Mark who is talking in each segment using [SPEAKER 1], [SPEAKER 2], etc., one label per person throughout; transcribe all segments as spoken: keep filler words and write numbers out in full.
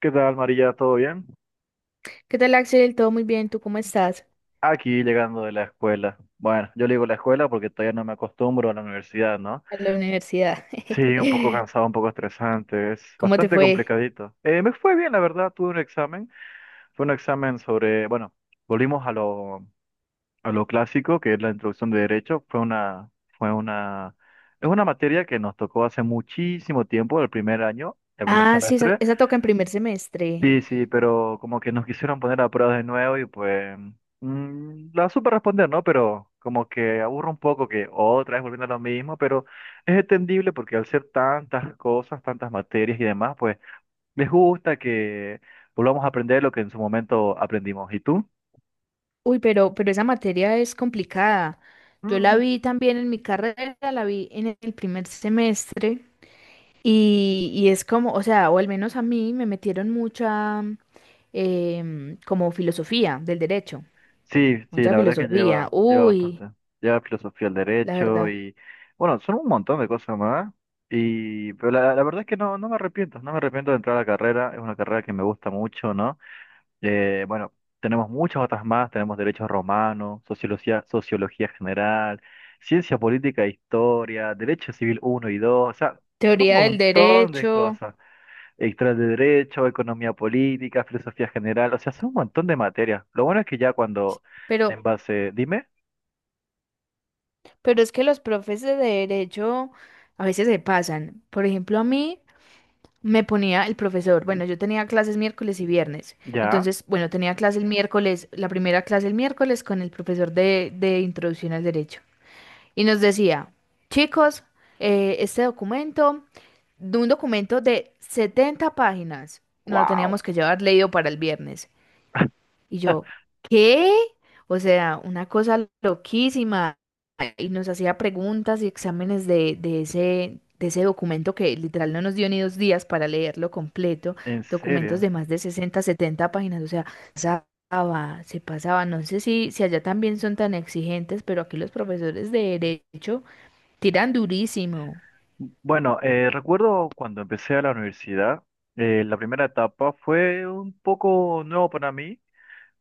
[SPEAKER 1] ¿Qué tal, María? ¿Todo bien?
[SPEAKER 2] ¿Qué tal, Axel? Todo muy bien. ¿Tú cómo estás?
[SPEAKER 1] Aquí llegando de la escuela. Bueno, yo le digo la escuela porque todavía no me acostumbro a la universidad, ¿no?
[SPEAKER 2] En la universidad.
[SPEAKER 1] Sí, un poco cansado, un poco estresante, es
[SPEAKER 2] ¿Cómo te
[SPEAKER 1] bastante
[SPEAKER 2] fue?
[SPEAKER 1] complicadito. Eh, me fue bien, la verdad, tuve un examen. Fue un examen sobre, bueno, volvimos a lo, a lo clásico, que es la introducción de derecho. Fue una, fue una, es una materia que nos tocó hace muchísimo tiempo, el primer año, el primer
[SPEAKER 2] Ah, sí, esa,
[SPEAKER 1] semestre.
[SPEAKER 2] esa toca en primer semestre.
[SPEAKER 1] Sí, sí, pero como que nos quisieron poner a prueba de nuevo y pues mm, la supe responder, ¿no? Pero como que aburre un poco que otra vez volviendo a lo mismo, pero es entendible porque al ser tantas cosas, tantas materias y demás, pues les gusta que volvamos a aprender lo que en su momento aprendimos. ¿Y tú?
[SPEAKER 2] Uy, pero, pero esa materia es complicada. Yo la vi también en mi carrera, la vi en el primer semestre y, y es como, o sea, o al menos a mí me metieron mucha em, como filosofía del derecho,
[SPEAKER 1] Sí, sí,
[SPEAKER 2] mucha
[SPEAKER 1] la verdad que
[SPEAKER 2] filosofía.
[SPEAKER 1] lleva, lleva
[SPEAKER 2] Uy,
[SPEAKER 1] bastante. Lleva filosofía del
[SPEAKER 2] la
[SPEAKER 1] derecho
[SPEAKER 2] verdad.
[SPEAKER 1] y, bueno, son un montón de cosas más. Y, pero la, la verdad es que no, no me arrepiento, no me arrepiento de entrar a la carrera. Es una carrera que me gusta mucho, ¿no? Eh, bueno, tenemos muchas otras más. Tenemos derecho romano, sociología, sociología general, ciencia política e historia, derecho civil uno y dos. O sea, son un
[SPEAKER 2] Teoría del
[SPEAKER 1] montón de
[SPEAKER 2] derecho,
[SPEAKER 1] cosas. Historia de Derecho, Economía Política, Filosofía General, o sea, son un montón de materias. Lo bueno es que ya cuando,
[SPEAKER 2] pero.
[SPEAKER 1] en base, dime,
[SPEAKER 2] Pero es que los profes de derecho a veces se pasan. Por ejemplo, a mí me ponía el profesor, bueno, yo tenía clases miércoles y viernes.
[SPEAKER 1] ya,
[SPEAKER 2] Entonces, bueno, tenía clase el miércoles, la primera clase el miércoles con el profesor de, de introducción al derecho. Y nos decía, chicos, eh, este documento, de un documento de setenta páginas, no lo
[SPEAKER 1] wow,
[SPEAKER 2] teníamos que llevar leído para el viernes. Y yo, ¿qué? O sea, una cosa loquísima. Y nos hacía preguntas y exámenes de, de ese, de ese documento que literal no nos dio ni dos días para leerlo completo.
[SPEAKER 1] en
[SPEAKER 2] Documentos
[SPEAKER 1] serio.
[SPEAKER 2] de más de sesenta setenta páginas. O sea, pasaba, se pasaba. No sé si, si allá también son tan exigentes, pero aquí los profesores de derecho tiran durísimo.
[SPEAKER 1] Bueno, eh, recuerdo cuando empecé a la universidad, eh, la primera etapa fue un poco nuevo para mí,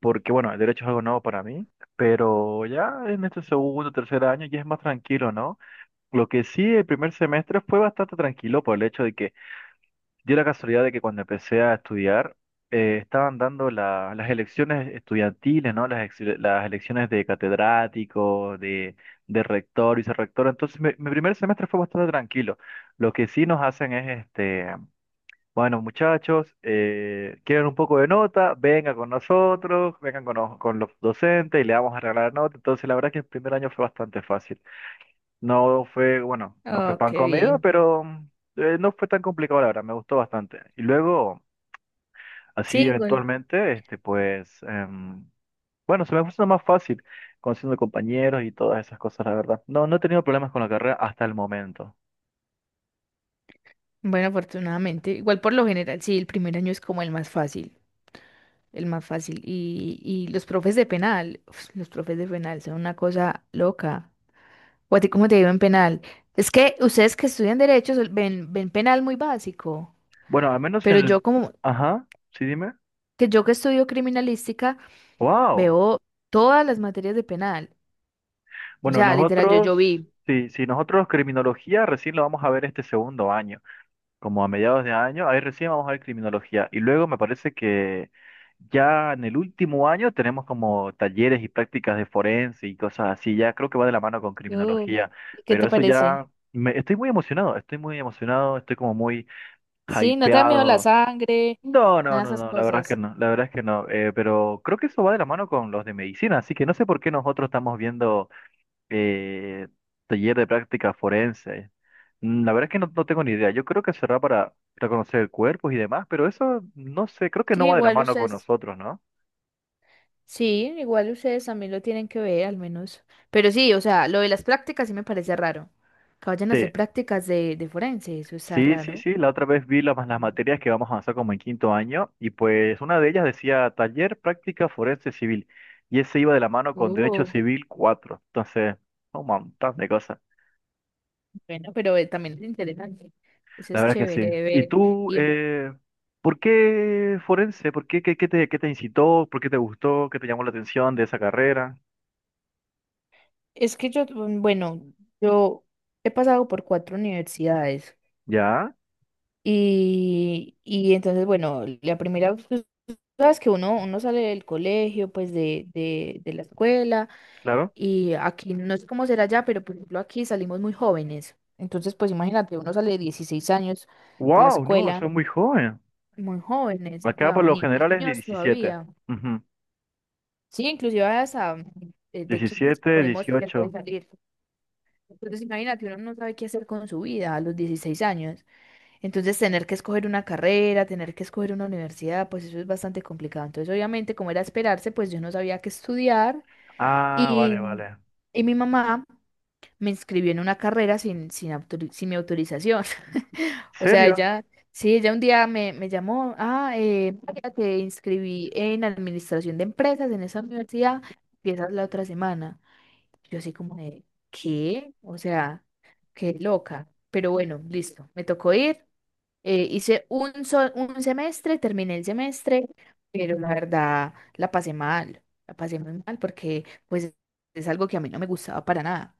[SPEAKER 1] porque bueno, el derecho es algo nuevo para mí, pero ya en este segundo, tercer año ya es más tranquilo, ¿no? Lo que sí, el primer semestre fue bastante tranquilo por el hecho de que dio la casualidad de que cuando empecé a estudiar, eh, estaban dando la- las elecciones estudiantiles, ¿no? Las, ex- las elecciones de catedrático, de, de rector, vicerrector. Entonces, mi, mi primer semestre fue bastante tranquilo. Lo que sí nos hacen es, este, bueno, muchachos, eh, quieren un poco de nota, vengan con nosotros, vengan con, nos- con los docentes y le vamos a regalar nota. Entonces, la verdad que el primer año fue bastante fácil. No fue, bueno, no fue
[SPEAKER 2] Oh,
[SPEAKER 1] pan
[SPEAKER 2] qué
[SPEAKER 1] comida,
[SPEAKER 2] bien.
[SPEAKER 1] pero mm, eh, no fue tan complicado, la verdad, me gustó bastante. Y luego, así
[SPEAKER 2] Sí,
[SPEAKER 1] eventualmente, este, pues, em, bueno, se me puso más fácil conociendo compañeros y todas esas cosas, la verdad. No, no he tenido problemas con la carrera hasta el momento.
[SPEAKER 2] bueno, afortunadamente. Igual por lo general, sí, el primer año es como el más fácil. El más fácil. Y, y los profes de penal, uf, los profes de penal son una cosa loca. ¿O a ti cómo te digo en penal? Es que ustedes que estudian derecho sol- ven, ven penal muy básico,
[SPEAKER 1] Bueno, al menos en
[SPEAKER 2] pero
[SPEAKER 1] el...
[SPEAKER 2] yo como
[SPEAKER 1] Ajá, sí, dime.
[SPEAKER 2] que yo que estudio criminalística
[SPEAKER 1] Wow.
[SPEAKER 2] veo todas las materias de penal. O
[SPEAKER 1] Bueno,
[SPEAKER 2] sea, literal, yo, yo
[SPEAKER 1] nosotros,
[SPEAKER 2] vi.
[SPEAKER 1] sí, sí, nosotros criminología recién lo vamos a ver este segundo año, como a mediados de año, ahí recién vamos a ver criminología. Y luego me parece que ya en el último año tenemos como talleres y prácticas de forense y cosas así, ya creo que va de la mano con
[SPEAKER 2] Yo-
[SPEAKER 1] criminología,
[SPEAKER 2] ¿Y qué
[SPEAKER 1] pero
[SPEAKER 2] te
[SPEAKER 1] eso
[SPEAKER 2] parece?
[SPEAKER 1] ya, me, estoy muy emocionado, estoy muy emocionado, estoy como muy
[SPEAKER 2] Sí, no te da miedo la
[SPEAKER 1] hypeado.
[SPEAKER 2] sangre,
[SPEAKER 1] No, no,
[SPEAKER 2] nada de
[SPEAKER 1] no,
[SPEAKER 2] esas
[SPEAKER 1] no, la verdad es que
[SPEAKER 2] cosas.
[SPEAKER 1] no, la verdad es que no, eh, pero creo que eso va de la mano con los de medicina, así que no sé por qué nosotros estamos viendo eh, taller de práctica forense. Mm, La verdad es que no, no tengo ni idea. Yo creo que será para reconocer cuerpos y demás, pero eso no sé, creo que no
[SPEAKER 2] Sí,
[SPEAKER 1] va de la
[SPEAKER 2] igual
[SPEAKER 1] mano con
[SPEAKER 2] ustedes.
[SPEAKER 1] nosotros, ¿no?
[SPEAKER 2] Sí, igual ustedes también lo tienen que ver, al menos. Pero sí, o sea, lo de las prácticas sí me parece raro. Que vayan a hacer
[SPEAKER 1] Sí,
[SPEAKER 2] prácticas de, de forense, eso está
[SPEAKER 1] sí, sí,
[SPEAKER 2] raro.
[SPEAKER 1] sí. La otra vez vi las, las
[SPEAKER 2] Mm.
[SPEAKER 1] materias que vamos a avanzar como en quinto año y pues una de ellas decía taller práctica forense civil y ese iba de la mano con derecho
[SPEAKER 2] Oh,
[SPEAKER 1] civil cuatro. Entonces, un montón de cosas.
[SPEAKER 2] bueno, pero eh, también es interesante. Eso
[SPEAKER 1] La
[SPEAKER 2] es
[SPEAKER 1] verdad que
[SPEAKER 2] chévere
[SPEAKER 1] sí.
[SPEAKER 2] de
[SPEAKER 1] ¿Y
[SPEAKER 2] ver.
[SPEAKER 1] tú,
[SPEAKER 2] Y
[SPEAKER 1] eh, por qué forense? ¿Por qué, qué, qué te, qué te incitó? ¿Por qué te gustó? ¿Qué te llamó la atención de esa carrera?
[SPEAKER 2] es que yo, mm, bueno, yo he pasado por cuatro universidades
[SPEAKER 1] ¿Ya?
[SPEAKER 2] y, y entonces, bueno, la primera, tú sabes que uno, uno sale del colegio, pues de, de, de la escuela.
[SPEAKER 1] Claro.
[SPEAKER 2] Y aquí no sé cómo será ya, pero por ejemplo aquí salimos muy jóvenes. Entonces, pues imagínate, uno sale de dieciséis años de la
[SPEAKER 1] ¡Wow! No, eso
[SPEAKER 2] escuela,
[SPEAKER 1] es muy joven.
[SPEAKER 2] muy jóvenes, o
[SPEAKER 1] Acá
[SPEAKER 2] sea,
[SPEAKER 1] por lo
[SPEAKER 2] ni-
[SPEAKER 1] general es de
[SPEAKER 2] niños
[SPEAKER 1] diecisiete.
[SPEAKER 2] todavía.
[SPEAKER 1] Ujú.
[SPEAKER 2] Sí, inclusive hasta eh, de quince
[SPEAKER 1] diecisiete,
[SPEAKER 2] podemos, se puede
[SPEAKER 1] dieciocho.
[SPEAKER 2] salir. Entonces, imagínate, uno no sabe qué hacer con su vida a los dieciséis años. Entonces, tener que escoger una carrera, tener que escoger una universidad, pues eso es bastante complicado. Entonces, obviamente, como era esperarse, pues yo no sabía qué estudiar.
[SPEAKER 1] Ah,
[SPEAKER 2] Y,
[SPEAKER 1] vale, vale.
[SPEAKER 2] y mi mamá me inscribió en una carrera sin, sin, autori- sin mi autorización. O sea,
[SPEAKER 1] ¿Serio?
[SPEAKER 2] ella, sí, ella un día me, me llamó, ah, eh, María, te inscribí en administración de empresas en esa universidad, empiezas la otra semana. Yo así como de, ¿qué? O sea, qué loca. Pero bueno, listo, me tocó ir. eh, hice un, sol- un semestre, terminé el semestre, pero la verdad la pasé mal, la pasé muy mal porque pues es algo que a mí no me gustaba para nada.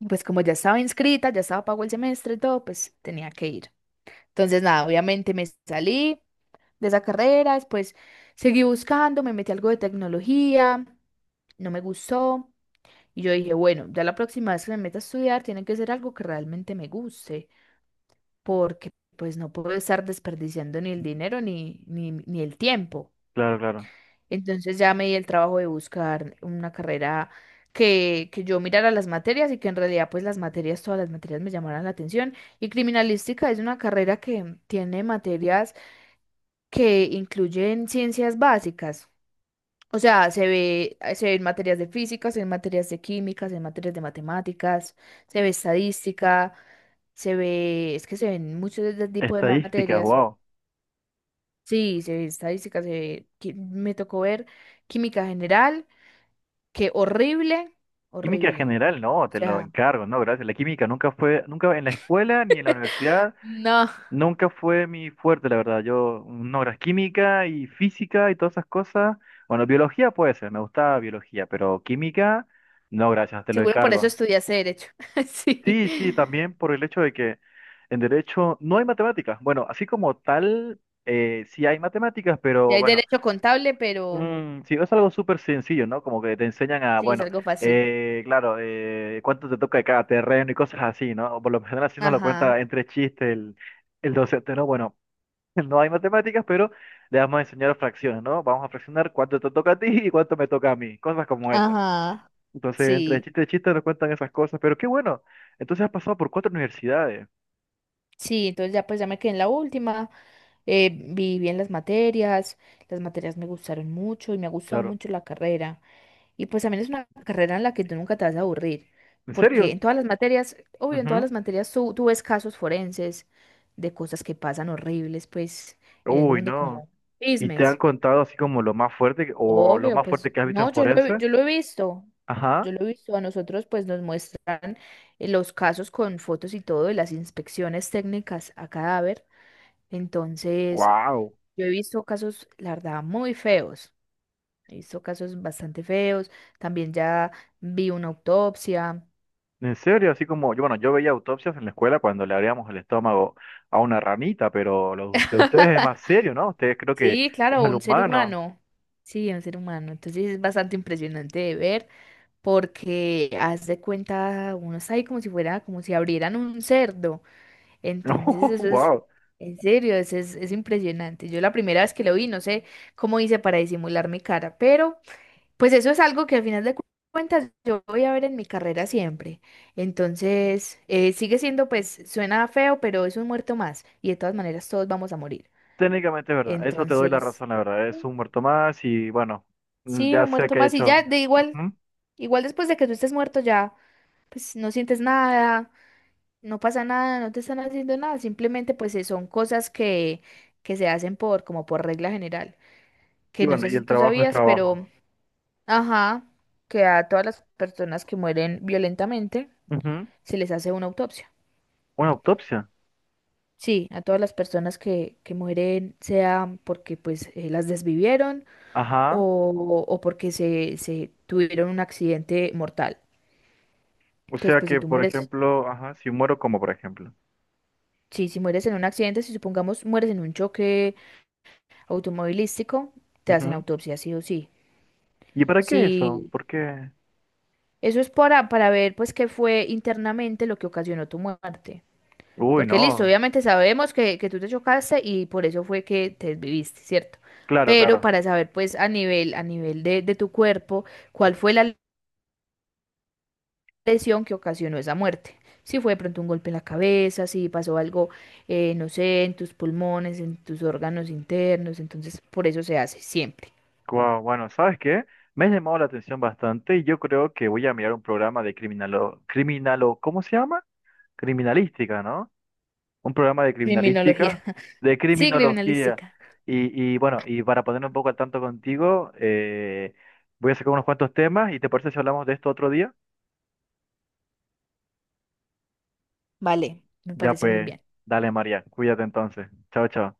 [SPEAKER 2] Y pues como ya estaba inscrita, ya estaba pago el semestre y todo, pues tenía que ir. Entonces, nada, obviamente me salí de esa carrera, después seguí buscando, me metí a algo de tecnología, no me gustó. Y yo dije, bueno, ya la próxima vez que me meta a estudiar tiene que ser algo que realmente me guste, porque pues no puedo estar desperdiciando ni el dinero ni, ni, ni el tiempo.
[SPEAKER 1] Claro, claro.
[SPEAKER 2] Entonces ya me di el trabajo de buscar una carrera que, que yo mirara las materias y que en realidad pues las materias, todas las materias me llamaran la atención. Y criminalística es una carrera que tiene materias que incluyen ciencias básicas. O sea, se ve, eh, se ven materias de física, se ven materias de química, se ven materias de matemáticas, se ve estadística, se ve, es que se ven muchos de este tipo de
[SPEAKER 1] Estadísticas,
[SPEAKER 2] materias.
[SPEAKER 1] wow.
[SPEAKER 2] Sí, se ve estadística, se ve, qui- me tocó ver química general. Qué horrible,
[SPEAKER 1] Química
[SPEAKER 2] horrible.
[SPEAKER 1] general, no,
[SPEAKER 2] O
[SPEAKER 1] te lo
[SPEAKER 2] sea,
[SPEAKER 1] encargo, no, gracias. La química nunca fue, nunca en la escuela ni en la universidad.
[SPEAKER 2] no,
[SPEAKER 1] Nunca fue mi fuerte, la verdad. Yo, mm, no, era química y física y todas esas cosas. Bueno, biología puede ser, me gustaba biología, pero química, no, gracias, te lo
[SPEAKER 2] seguro por eso
[SPEAKER 1] encargo.
[SPEAKER 2] estudiaste derecho. Sí.
[SPEAKER 1] Sí, sí, también por el hecho de que en derecho no hay matemáticas. Bueno, así como tal, eh, sí hay matemáticas,
[SPEAKER 2] Y
[SPEAKER 1] pero
[SPEAKER 2] hay
[SPEAKER 1] bueno,
[SPEAKER 2] derecho contable, pero
[SPEAKER 1] mm, sí, es algo súper sencillo, ¿no? Como que te enseñan a,
[SPEAKER 2] sí, es
[SPEAKER 1] bueno,
[SPEAKER 2] algo fácil.
[SPEAKER 1] eh, claro, eh, cuánto te toca de cada terreno y cosas así, ¿no? O por lo general así nos lo cuenta
[SPEAKER 2] Ajá,
[SPEAKER 1] entre chistes el, el docente, ¿no? Bueno. No hay matemáticas, pero le vamos a enseñar fracciones, ¿no? Vamos a fraccionar cuánto te toca a ti y cuánto me toca a mí, cosas como esas.
[SPEAKER 2] ajá.
[SPEAKER 1] Entonces, entre
[SPEAKER 2] Sí,
[SPEAKER 1] chiste y chiste nos cuentan esas cosas, pero qué bueno. Entonces has pasado por cuatro universidades,
[SPEAKER 2] sí, entonces ya pues ya me quedé en la última. Eh, vi bien las materias, las materias me gustaron mucho y me ha gustado
[SPEAKER 1] claro.
[SPEAKER 2] mucho la carrera. Y pues también es una carrera en la que tú nunca te vas a aburrir,
[SPEAKER 1] ¿En
[SPEAKER 2] porque
[SPEAKER 1] serio?
[SPEAKER 2] en todas las materias, obvio, en todas
[SPEAKER 1] Ujú.
[SPEAKER 2] las materias tú, tú ves casos forenses de cosas que pasan horribles, pues, en el
[SPEAKER 1] Uy,
[SPEAKER 2] mundo
[SPEAKER 1] no.
[SPEAKER 2] como
[SPEAKER 1] ¿Y te han
[SPEAKER 2] chismes.
[SPEAKER 1] contado así como lo más fuerte que- o lo
[SPEAKER 2] Obvio,
[SPEAKER 1] más
[SPEAKER 2] pues,
[SPEAKER 1] fuerte que has visto
[SPEAKER 2] no,
[SPEAKER 1] en
[SPEAKER 2] yo lo, he-
[SPEAKER 1] forense?
[SPEAKER 2] yo lo he visto, yo
[SPEAKER 1] Ajá.
[SPEAKER 2] lo he visto, a nosotros pues nos muestra eh, los casos con fotos y todo, y las inspecciones técnicas a cadáver. Entonces,
[SPEAKER 1] Wow.
[SPEAKER 2] yo he visto casos, la verdad, muy feos, he visto casos bastante feos, también ya vi una autopsia.
[SPEAKER 1] En serio, así como yo, bueno, yo veía autopsias en la escuela cuando le abríamos el estómago a una ranita, pero lo de ustedes es más serio, ¿no? Ustedes creo que
[SPEAKER 2] Sí,
[SPEAKER 1] es
[SPEAKER 2] claro,
[SPEAKER 1] al
[SPEAKER 2] un ser
[SPEAKER 1] humano.
[SPEAKER 2] humano. Sí, un ser humano. Entonces es bastante impresionante de ver porque haz de cuenta, uno está ahí como si fuera, como si abrieran un cerdo. Entonces eso es,
[SPEAKER 1] wow.
[SPEAKER 2] en serio, eso es, es impresionante. Yo la primera vez que lo vi, no sé cómo hice para disimular mi cara, pero pues eso es algo que al final de cu- cuentas yo voy a ver en mi carrera siempre. Entonces eh, sigue siendo, pues suena feo, pero es un muerto más y de todas maneras todos vamos a morir.
[SPEAKER 1] Técnicamente es verdad. Eso te doy la
[SPEAKER 2] Entonces,
[SPEAKER 1] razón, la verdad. Es
[SPEAKER 2] Mm.
[SPEAKER 1] un muerto más y bueno, mm,
[SPEAKER 2] sí,
[SPEAKER 1] ya
[SPEAKER 2] un
[SPEAKER 1] sé
[SPEAKER 2] muerto
[SPEAKER 1] que he
[SPEAKER 2] más y
[SPEAKER 1] hecho.
[SPEAKER 2] ya, de igual,
[SPEAKER 1] Ujú.
[SPEAKER 2] igual después de que tú estés muerto ya, pues no sientes nada, no pasa nada, no te están haciendo nada, simplemente pues eh, son cosas que, que se hacen por, como por regla general,
[SPEAKER 1] Y
[SPEAKER 2] que no
[SPEAKER 1] bueno,
[SPEAKER 2] sé
[SPEAKER 1] y
[SPEAKER 2] si
[SPEAKER 1] el
[SPEAKER 2] tú
[SPEAKER 1] trabajo es
[SPEAKER 2] sabías,
[SPEAKER 1] trabajo.
[SPEAKER 2] pero, ajá, que a todas las personas que mueren violentamente
[SPEAKER 1] Ujú.
[SPEAKER 2] se les hace una autopsia.
[SPEAKER 1] Una autopsia.
[SPEAKER 2] Sí, a todas las personas que, que mueren, sea porque pues eh, las desvivieron
[SPEAKER 1] Ajá.
[SPEAKER 2] o, o porque se, se tuvieron un accidente mortal.
[SPEAKER 1] O
[SPEAKER 2] Entonces,
[SPEAKER 1] sea
[SPEAKER 2] pues si
[SPEAKER 1] que,
[SPEAKER 2] tú
[SPEAKER 1] por
[SPEAKER 2] mueres,
[SPEAKER 1] ejemplo, ajá, si muero como, por ejemplo.
[SPEAKER 2] sí, si mueres en un accidente, si supongamos mueres en un choque automovilístico, te hacen
[SPEAKER 1] Ujú.
[SPEAKER 2] autopsia, sí o sí.
[SPEAKER 1] ¿Y para qué eso?
[SPEAKER 2] Sí,
[SPEAKER 1] ¿Por qué?
[SPEAKER 2] eso es para, para ver pues qué fue internamente lo que ocasionó tu muerte.
[SPEAKER 1] Uy,
[SPEAKER 2] Porque listo,
[SPEAKER 1] no.
[SPEAKER 2] obviamente sabemos que, que tú te chocaste y por eso fue que te desviviste, ¿cierto?
[SPEAKER 1] Claro,
[SPEAKER 2] Pero
[SPEAKER 1] claro.
[SPEAKER 2] para saber pues a nivel, a nivel de, de tu cuerpo, cuál fue la lesión que ocasionó esa muerte. Si fue de pronto un golpe en la cabeza, si pasó algo, eh, no sé, en tus pulmones, en tus órganos internos, entonces por eso se hace siempre.
[SPEAKER 1] Guau, bueno, ¿sabes qué? Me ha llamado la atención bastante y yo creo que voy a mirar un programa de criminalo, criminalo, ¿cómo se llama? Criminalística, ¿no? Un programa de
[SPEAKER 2] Criminología.
[SPEAKER 1] criminalística, de
[SPEAKER 2] Sí,
[SPEAKER 1] criminología.
[SPEAKER 2] criminalística.
[SPEAKER 1] Y, y bueno, y para ponerme un poco al tanto contigo, eh, voy a sacar unos cuantos temas y ¿te parece si hablamos de esto otro día?
[SPEAKER 2] Vale, me
[SPEAKER 1] Ya
[SPEAKER 2] parece muy
[SPEAKER 1] pues,
[SPEAKER 2] bien.
[SPEAKER 1] dale María, cuídate entonces. Chao, chao.